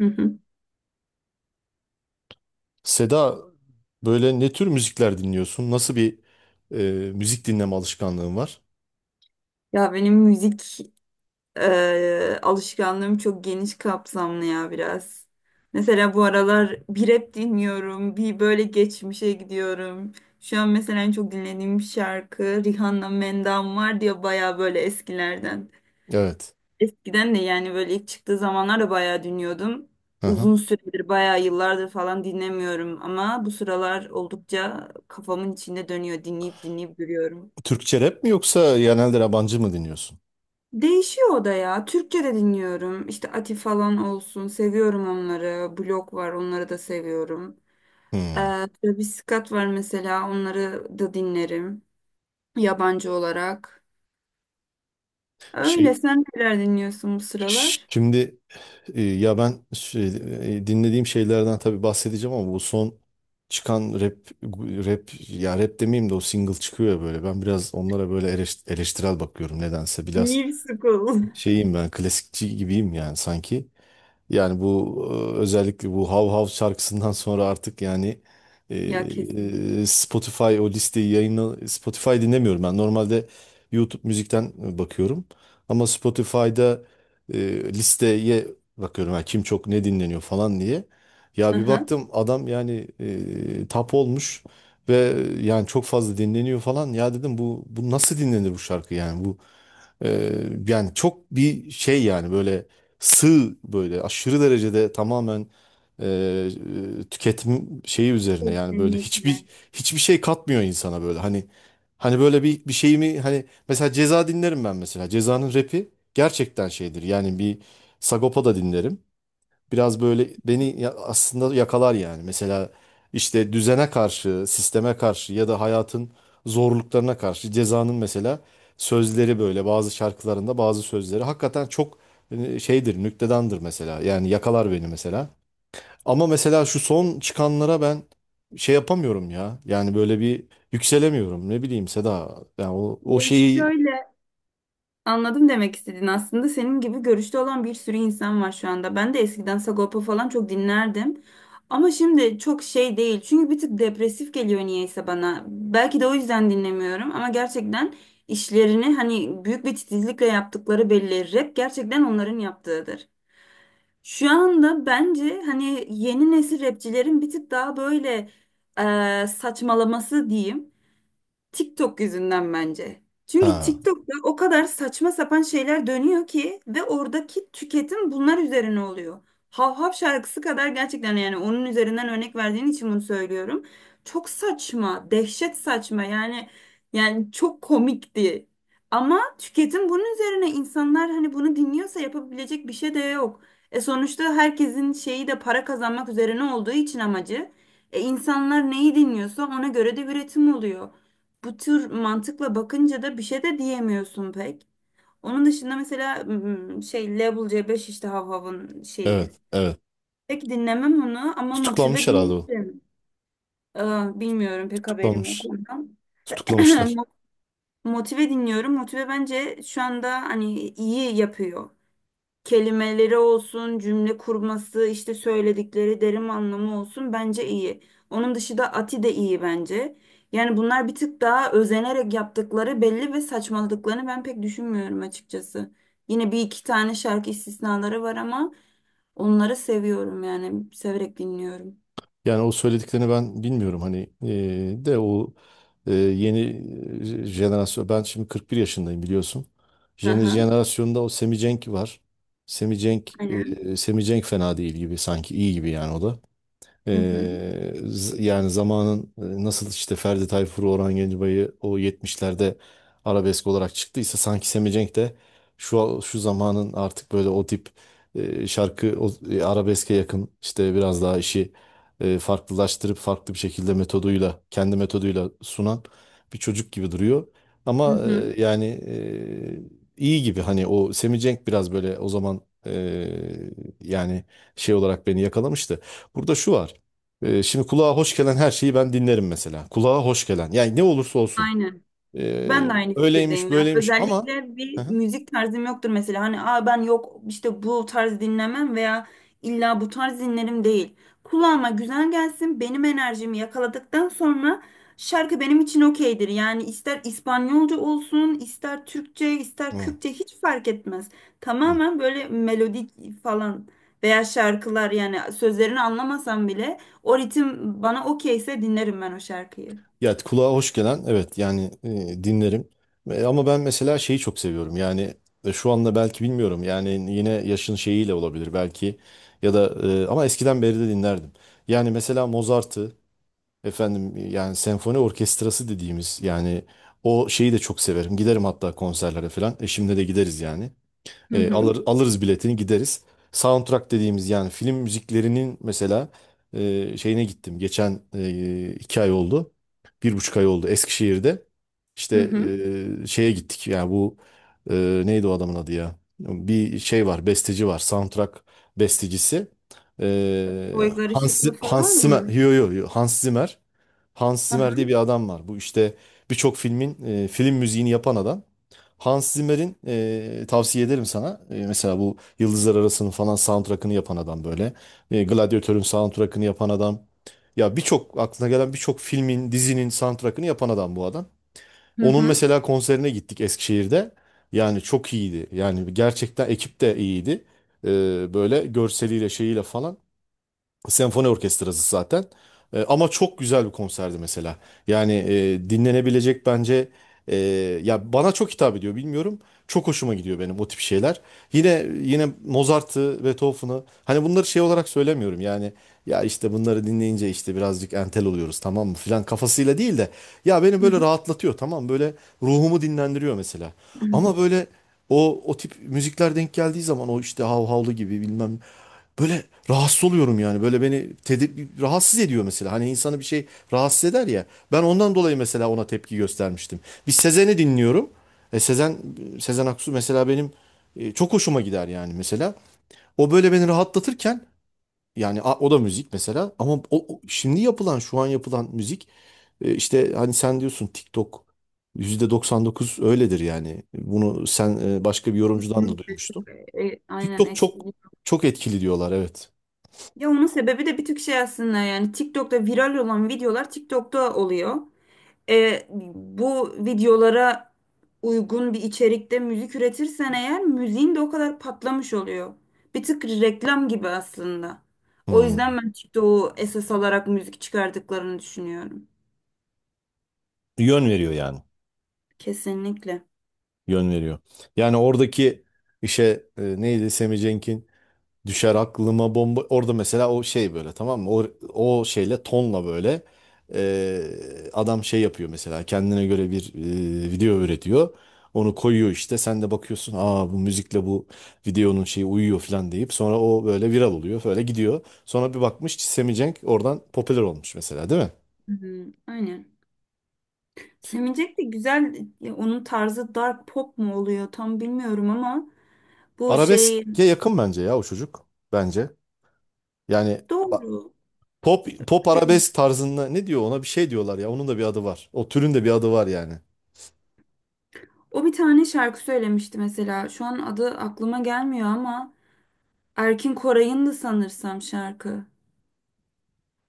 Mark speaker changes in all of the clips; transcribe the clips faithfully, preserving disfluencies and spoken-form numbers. Speaker 1: Hı hı.
Speaker 2: Seda, böyle ne tür müzikler dinliyorsun? Nasıl bir e, müzik dinleme alışkanlığın var?
Speaker 1: Ya benim müzik e, alışkanlığım çok geniş kapsamlı ya biraz. Mesela bu aralar bir rap dinliyorum, bir böyle geçmişe gidiyorum. Şu an mesela en çok dinlediğim şarkı Rihanna Mendam var diye baya böyle eskilerden.
Speaker 2: Evet.
Speaker 1: Eskiden de yani böyle ilk çıktığı zamanlar da baya dinliyordum.
Speaker 2: Hı hı.
Speaker 1: Uzun süredir bayağı yıllardır falan dinlemiyorum ama bu sıralar oldukça kafamın içinde dönüyor. Dinleyip dinleyip duruyorum.
Speaker 2: Türkçe rap mi yoksa genelde yabancı mı dinliyorsun?
Speaker 1: Değişiyor o da ya. Türkçe de dinliyorum. İşte Ati falan olsun. Seviyorum onları. Blok var. Onları da seviyorum. Ee,
Speaker 2: Hmm.
Speaker 1: Travis Scott var mesela. Onları da dinlerim. Yabancı olarak. Öyle.
Speaker 2: Şey
Speaker 1: Sen neler dinliyorsun bu
Speaker 2: ş-
Speaker 1: sıralar?
Speaker 2: Şimdi, e, ya ben şey, e, dinlediğim şeylerden tabii bahsedeceğim ama bu son çıkan rap rap ya rap demeyeyim de, o single çıkıyor ya böyle. Ben biraz onlara böyle eleş- eleştirel bakıyorum nedense. Biraz
Speaker 1: New School.
Speaker 2: şeyim, ben klasikçi gibiyim yani sanki. Yani bu, e, özellikle bu Hav Hav şarkısından sonra artık yani, e,
Speaker 1: Ya kesinlikle.
Speaker 2: e, Spotify o listeyi, yayını, Spotify dinlemiyorum ben. Normalde YouTube müzikten e, bakıyorum. Ama Spotify'da e, listeye bakıyorum. Yani kim, çok ne dinleniyor falan diye. Ya bir
Speaker 1: Aha.
Speaker 2: baktım adam yani e, tap olmuş ve yani çok fazla dinleniyor falan. Ya dedim bu bu nasıl dinlenir bu şarkı yani bu ee, yani çok bir şey yani böyle sığ, böyle aşırı derecede tamamen, e, e, tüketim şeyi üzerine yani böyle
Speaker 1: Kesinlikle.
Speaker 2: hiçbir hiçbir şey katmıyor insana böyle, hani, hani böyle bir bir şey mi, hani mesela Ceza dinlerim ben, mesela Ceza'nın rapi gerçekten şeydir yani. Bir Sagopa da dinlerim, biraz böyle beni ya- aslında yakalar yani. Mesela işte düzene karşı, sisteme karşı ya da hayatın zorluklarına karşı Ceza'nın mesela sözleri, böyle bazı şarkılarında bazı sözleri hakikaten çok e, şeydir, nüktedandır mesela. Yani yakalar beni mesela. Ama mesela şu son çıkanlara ben şey yapamıyorum ya. Yani böyle bir yükselemiyorum. Ne bileyim Seda. Yani o, o
Speaker 1: Ya
Speaker 2: şeyi,
Speaker 1: şöyle, anladım. Demek istediğin aslında senin gibi görüşte olan bir sürü insan var şu anda. Ben de eskiden Sagopa falan çok dinlerdim. Ama şimdi çok şey değil. Çünkü bir tık depresif geliyor niyeyse bana. Belki de o yüzden dinlemiyorum ama gerçekten işlerini hani büyük bir titizlikle yaptıkları belli. Rap gerçekten onların yaptığıdır. Şu anda bence hani yeni nesil rapçilerin bir tık daha böyle eee, saçmalaması diyeyim. TikTok yüzünden bence. Çünkü
Speaker 2: ha,
Speaker 1: TikTok'ta o kadar saçma sapan şeyler dönüyor ki ve oradaki tüketim bunlar üzerine oluyor. Hav Hav şarkısı kadar gerçekten, yani onun üzerinden örnek verdiğin için bunu söylüyorum. Çok saçma, dehşet saçma, yani yani çok komikti. Ama tüketim bunun üzerine, insanlar hani bunu dinliyorsa yapabilecek bir şey de yok. E sonuçta herkesin şeyi de para kazanmak üzerine olduğu için amacı. E insanlar neyi dinliyorsa ona göre de üretim oluyor, bu tür mantıkla bakınca da bir şey de diyemiyorsun pek. Onun dışında mesela m, şey, Level C beş işte Havhav'ın şeyi.
Speaker 2: evet evet.
Speaker 1: Pek dinlemem onu ama
Speaker 2: Tutuklanmış
Speaker 1: Motive
Speaker 2: herhalde o.
Speaker 1: dinlerim. Aa, bilmiyorum, pek haberim yok
Speaker 2: Tutuklanmış.
Speaker 1: ondan.
Speaker 2: Tutuklamışlar.
Speaker 1: Mo- Motive dinliyorum. Motive bence şu anda hani iyi yapıyor. Kelimeleri olsun, cümle kurması, işte söyledikleri derin anlamı olsun, bence iyi. Onun dışında Ati de iyi bence. Yani bunlar bir tık daha özenerek yaptıkları belli ve saçmaladıklarını ben pek düşünmüyorum açıkçası. Yine bir iki tane şarkı istisnaları var ama onları seviyorum, yani severek dinliyorum.
Speaker 2: Yani o söylediklerini ben bilmiyorum hani, eee, de o, eee, yeni eee, jenerasyon, ben şimdi kırk bir yaşındayım biliyorsun. Yeni
Speaker 1: Aha.
Speaker 2: jenerasyonda o Semi Cenk var. Semi Cenk
Speaker 1: Aynen.
Speaker 2: eee Semi Cenk fena değil gibi, sanki iyi gibi yani o da.
Speaker 1: Hı hı.
Speaker 2: Ee, z- yani zamanın e, nasıl işte Ferdi Tayfur'u, Orhan Gencebay'ı o yetmişlerde arabesk olarak çıktıysa, sanki Semi de şu şu zamanın artık böyle o tip e, şarkı, o, e, arabeske yakın, işte biraz daha işi e, farklılaştırıp, farklı bir şekilde metoduyla, kendi metoduyla sunan bir çocuk gibi duruyor.
Speaker 1: Hı
Speaker 2: Ama
Speaker 1: hı.
Speaker 2: e, yani e, iyi gibi, hani o Semi biraz böyle o zaman e, yani şey olarak beni yakalamıştı. Burada şu var. Ee, şimdi kulağa hoş gelen her şeyi ben dinlerim mesela. Kulağa hoş gelen. Yani ne olursa olsun.
Speaker 1: Aynen.
Speaker 2: Ee,
Speaker 1: Ben de aynı
Speaker 2: öyleymiş
Speaker 1: fikirdeyim ya.
Speaker 2: böyleymiş ama
Speaker 1: Özellikle
Speaker 2: hı
Speaker 1: bir
Speaker 2: hı.
Speaker 1: müzik tarzım yoktur mesela. Hani, aa, ben yok işte bu tarz dinlemem veya illa bu tarz dinlerim değil. Kulağıma güzel gelsin. Benim enerjimi yakaladıktan sonra şarkı benim için okeydir. Yani ister İspanyolca olsun, ister Türkçe, ister
Speaker 2: Hı,
Speaker 1: Kürtçe, hiç fark etmez.
Speaker 2: hı,
Speaker 1: Tamamen böyle melodi falan, veya şarkılar, yani sözlerini anlamasam bile o ritim bana okeyse dinlerim ben o şarkıyı.
Speaker 2: ya kulağa hoş gelen, evet yani e, dinlerim. E, ama ben mesela şeyi çok seviyorum. Yani e, şu anda belki bilmiyorum. Yani yine yaşın şeyiyle olabilir belki. Ya da e, ama eskiden beri de dinlerdim. Yani mesela Mozart'ı, efendim, yani senfoni orkestrası dediğimiz yani, o şeyi de çok severim. Giderim hatta konserlere falan. Eşimle de gideriz yani.
Speaker 1: Hı
Speaker 2: E,
Speaker 1: hı.
Speaker 2: alır, alırız biletini, gideriz. Soundtrack dediğimiz yani film müziklerinin mesela e, şeyine gittim. Geçen e, iki ay oldu. Bir buçuk ay oldu Eskişehir'de.
Speaker 1: Hı
Speaker 2: İşte
Speaker 1: hı.
Speaker 2: e, şeye gittik yani bu, e, neydi o adamın adı ya? Bir şey var, besteci var, soundtrack bestecisi. E,
Speaker 1: Toygar
Speaker 2: Hans,
Speaker 1: Işıklı falan
Speaker 2: Hans Zimmer.
Speaker 1: mı?
Speaker 2: Yo, yo, yo, Hans Zimmer. Hans
Speaker 1: Aha.
Speaker 2: Zimmer diye bir adam var. Bu işte birçok filmin e, film müziğini yapan adam. Hans Zimmer'in, e, tavsiye ederim sana. E, mesela bu Yıldızlar Arası'nın falan soundtrack'ını yapan adam böyle. E, Gladiatör'ün soundtrack'ını yapan adam. Ya birçok aklına gelen birçok filmin, dizinin soundtrack'ını yapan adam bu adam.
Speaker 1: Hı
Speaker 2: Onun
Speaker 1: hı.
Speaker 2: mesela konserine gittik Eskişehir'de. Yani çok iyiydi. Yani gerçekten ekip de iyiydi. E, Böyle görseliyle, şeyiyle falan. Senfoni orkestrası zaten. E, ama çok güzel bir konserdi mesela. Yani e, dinlenebilecek bence, e, ya bana çok hitap ediyor bilmiyorum. Çok hoşuma gidiyor benim o tip şeyler. Yine yine Mozart'ı, Beethoven'ı, hani bunları şey olarak söylemiyorum. Yani ya işte bunları dinleyince işte birazcık entel oluyoruz tamam mı filan kafasıyla değil de, ya beni böyle
Speaker 1: Hı
Speaker 2: rahatlatıyor tamam, böyle ruhumu dinlendiriyor mesela.
Speaker 1: hı.
Speaker 2: Ama böyle o o tip müzikler denk geldiği zaman, o işte hav havlu gibi bilmem, böyle rahatsız oluyorum yani. Böyle beni tedir rahatsız ediyor mesela. Hani insanı bir şey rahatsız eder ya. Ben ondan dolayı mesela ona tepki göstermiştim. Bir Sezen'i dinliyorum. E Sezen Sezen Aksu mesela benim e, çok hoşuma gider yani mesela. O böyle beni rahatlatırken, yani a- o da müzik mesela, ama o, o şimdi yapılan, şu an yapılan müzik e, işte hani sen diyorsun TikTok yüzde doksan dokuz öyledir yani. Bunu sen, e, başka bir yorumcudan da
Speaker 1: Kesinlikle çok
Speaker 2: duymuştum.
Speaker 1: e, e, aynen
Speaker 2: TikTok çok
Speaker 1: etkili.
Speaker 2: çok etkili diyorlar, evet.
Speaker 1: Ya onun sebebi de bir tık şey aslında, yani TikTok'ta viral olan videolar TikTok'ta oluyor. E, bu videolara uygun bir içerikte müzik üretirsen eğer, müziğin de o kadar patlamış oluyor. Bir tık reklam gibi aslında. O yüzden
Speaker 2: Hmm.
Speaker 1: ben TikTok'u esas alarak müzik çıkardıklarını düşünüyorum.
Speaker 2: Yön veriyor yani.
Speaker 1: Kesinlikle.
Speaker 2: Yön veriyor. Yani oradaki işe, e, neydi Sammy Cenk'in, düşer aklıma, bomba. Orada mesela o şey, böyle tamam mı? O, o şeyle tonla böyle, e, adam şey yapıyor mesela kendine göre bir e, video üretiyor. Onu koyuyor, işte sen de bakıyorsun, aa bu müzikle bu videonun şeyi uyuyor falan deyip, sonra o böyle viral oluyor, böyle gidiyor. Sonra bir bakmış ki Sammy Cenk oradan popüler olmuş mesela, değil mi?
Speaker 1: Hı, hı, aynen. Sevinecek de güzel ya, onun tarzı dark pop mu oluyor tam bilmiyorum ama bu şey
Speaker 2: Arabeske yakın bence ya o çocuk, bence. Yani
Speaker 1: doğru.
Speaker 2: Pop pop arabesk tarzında, ne diyor ona, bir şey diyorlar ya. Onun da bir adı var. O türün de bir adı var yani.
Speaker 1: O bir tane şarkı söylemişti mesela. Şu an adı aklıma gelmiyor ama Erkin Koray'ın da sanırsam şarkı.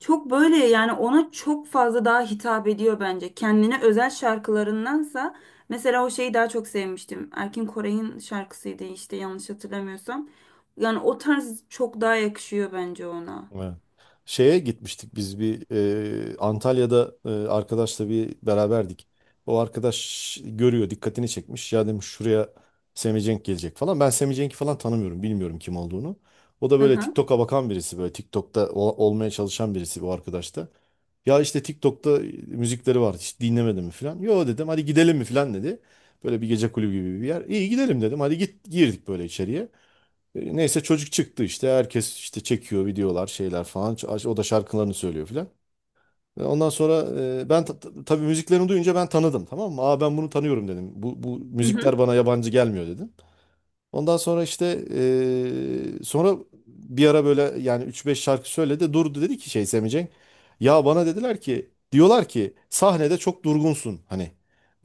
Speaker 1: Çok böyle, yani ona çok fazla daha hitap ediyor bence. Kendine özel şarkılarındansa mesela o şeyi daha çok sevmiştim. Erkin Koray'ın şarkısıydı işte, yanlış hatırlamıyorsam. Yani o tarz çok daha yakışıyor bence ona.
Speaker 2: Evet. Şeye gitmiştik biz bir e, Antalya'da e, arkadaşla bir beraberdik. O arkadaş görüyor, dikkatini çekmiş. Ya demiş, şuraya Semih Cenk gelecek falan. Ben Semih Cenk'i falan tanımıyorum, bilmiyorum kim olduğunu. O da böyle
Speaker 1: Hı
Speaker 2: TikTok'a bakan birisi, böyle TikTok'ta ol- olmaya çalışan birisi bu arkadaş da. Ya işte TikTok'ta müzikleri var, hiç dinlemedin mi falan. Yo dedim, hadi gidelim mi falan dedi. Böyle bir gece kulübü gibi bir yer. İyi, gidelim dedim, hadi git, girdik böyle içeriye. E, Neyse, çocuk çıktı işte, herkes işte çekiyor videolar, şeyler falan, Ç- o da şarkılarını söylüyor filan. E, ondan sonra, e, ben ta- ta- tabii müziklerini duyunca ben tanıdım tamam mı? Aa ben bunu tanıyorum dedim. Bu, bu müzikler
Speaker 1: hı.
Speaker 2: bana yabancı gelmiyor dedim. Ondan sonra işte e, sonra, bir ara böyle yani üç beş şarkı söyledi, durdu, dedi ki şey, Semicek. Ya bana dediler ki, diyorlar ki, sahnede çok durgunsun hani.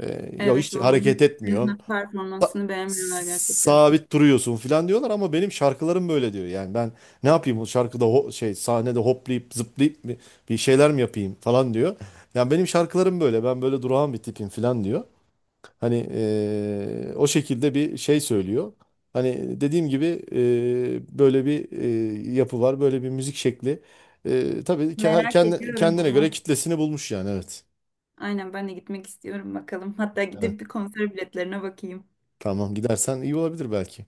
Speaker 2: E, ya
Speaker 1: Evet,
Speaker 2: işte hareket
Speaker 1: onun
Speaker 2: etmiyorsun,
Speaker 1: senin performansını beğenmiyorlar gerçekten.
Speaker 2: sabit duruyorsun falan diyorlar, ama benim şarkılarım böyle diyor. Yani ben ne yapayım o şarkıda, ho- şey, sahnede hoplayıp zıplayıp mi bir şeyler mi yapayım falan diyor. Yani benim şarkılarım böyle, ben böyle durağan bir tipim falan diyor. Hani, eee, o şekilde bir şey söylüyor. Hani dediğim gibi, eee, böyle bir, eee, yapı var, böyle bir müzik şekli. Eee tabii ke-
Speaker 1: Merak
Speaker 2: kendi-
Speaker 1: ediyorum
Speaker 2: kendine göre
Speaker 1: ama.
Speaker 2: kitlesini bulmuş yani, evet.
Speaker 1: Aynen, ben de gitmek istiyorum bakalım. Hatta
Speaker 2: Evet,
Speaker 1: gidip bir konser biletlerine bakayım.
Speaker 2: tamam, gidersen iyi olabilir belki.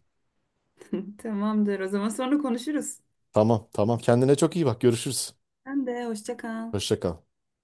Speaker 1: Tamamdır. O zaman sonra konuşuruz.
Speaker 2: Tamam, tamam, kendine çok iyi bak, görüşürüz.
Speaker 1: Sen de hoşça kal.
Speaker 2: Hoşça kal.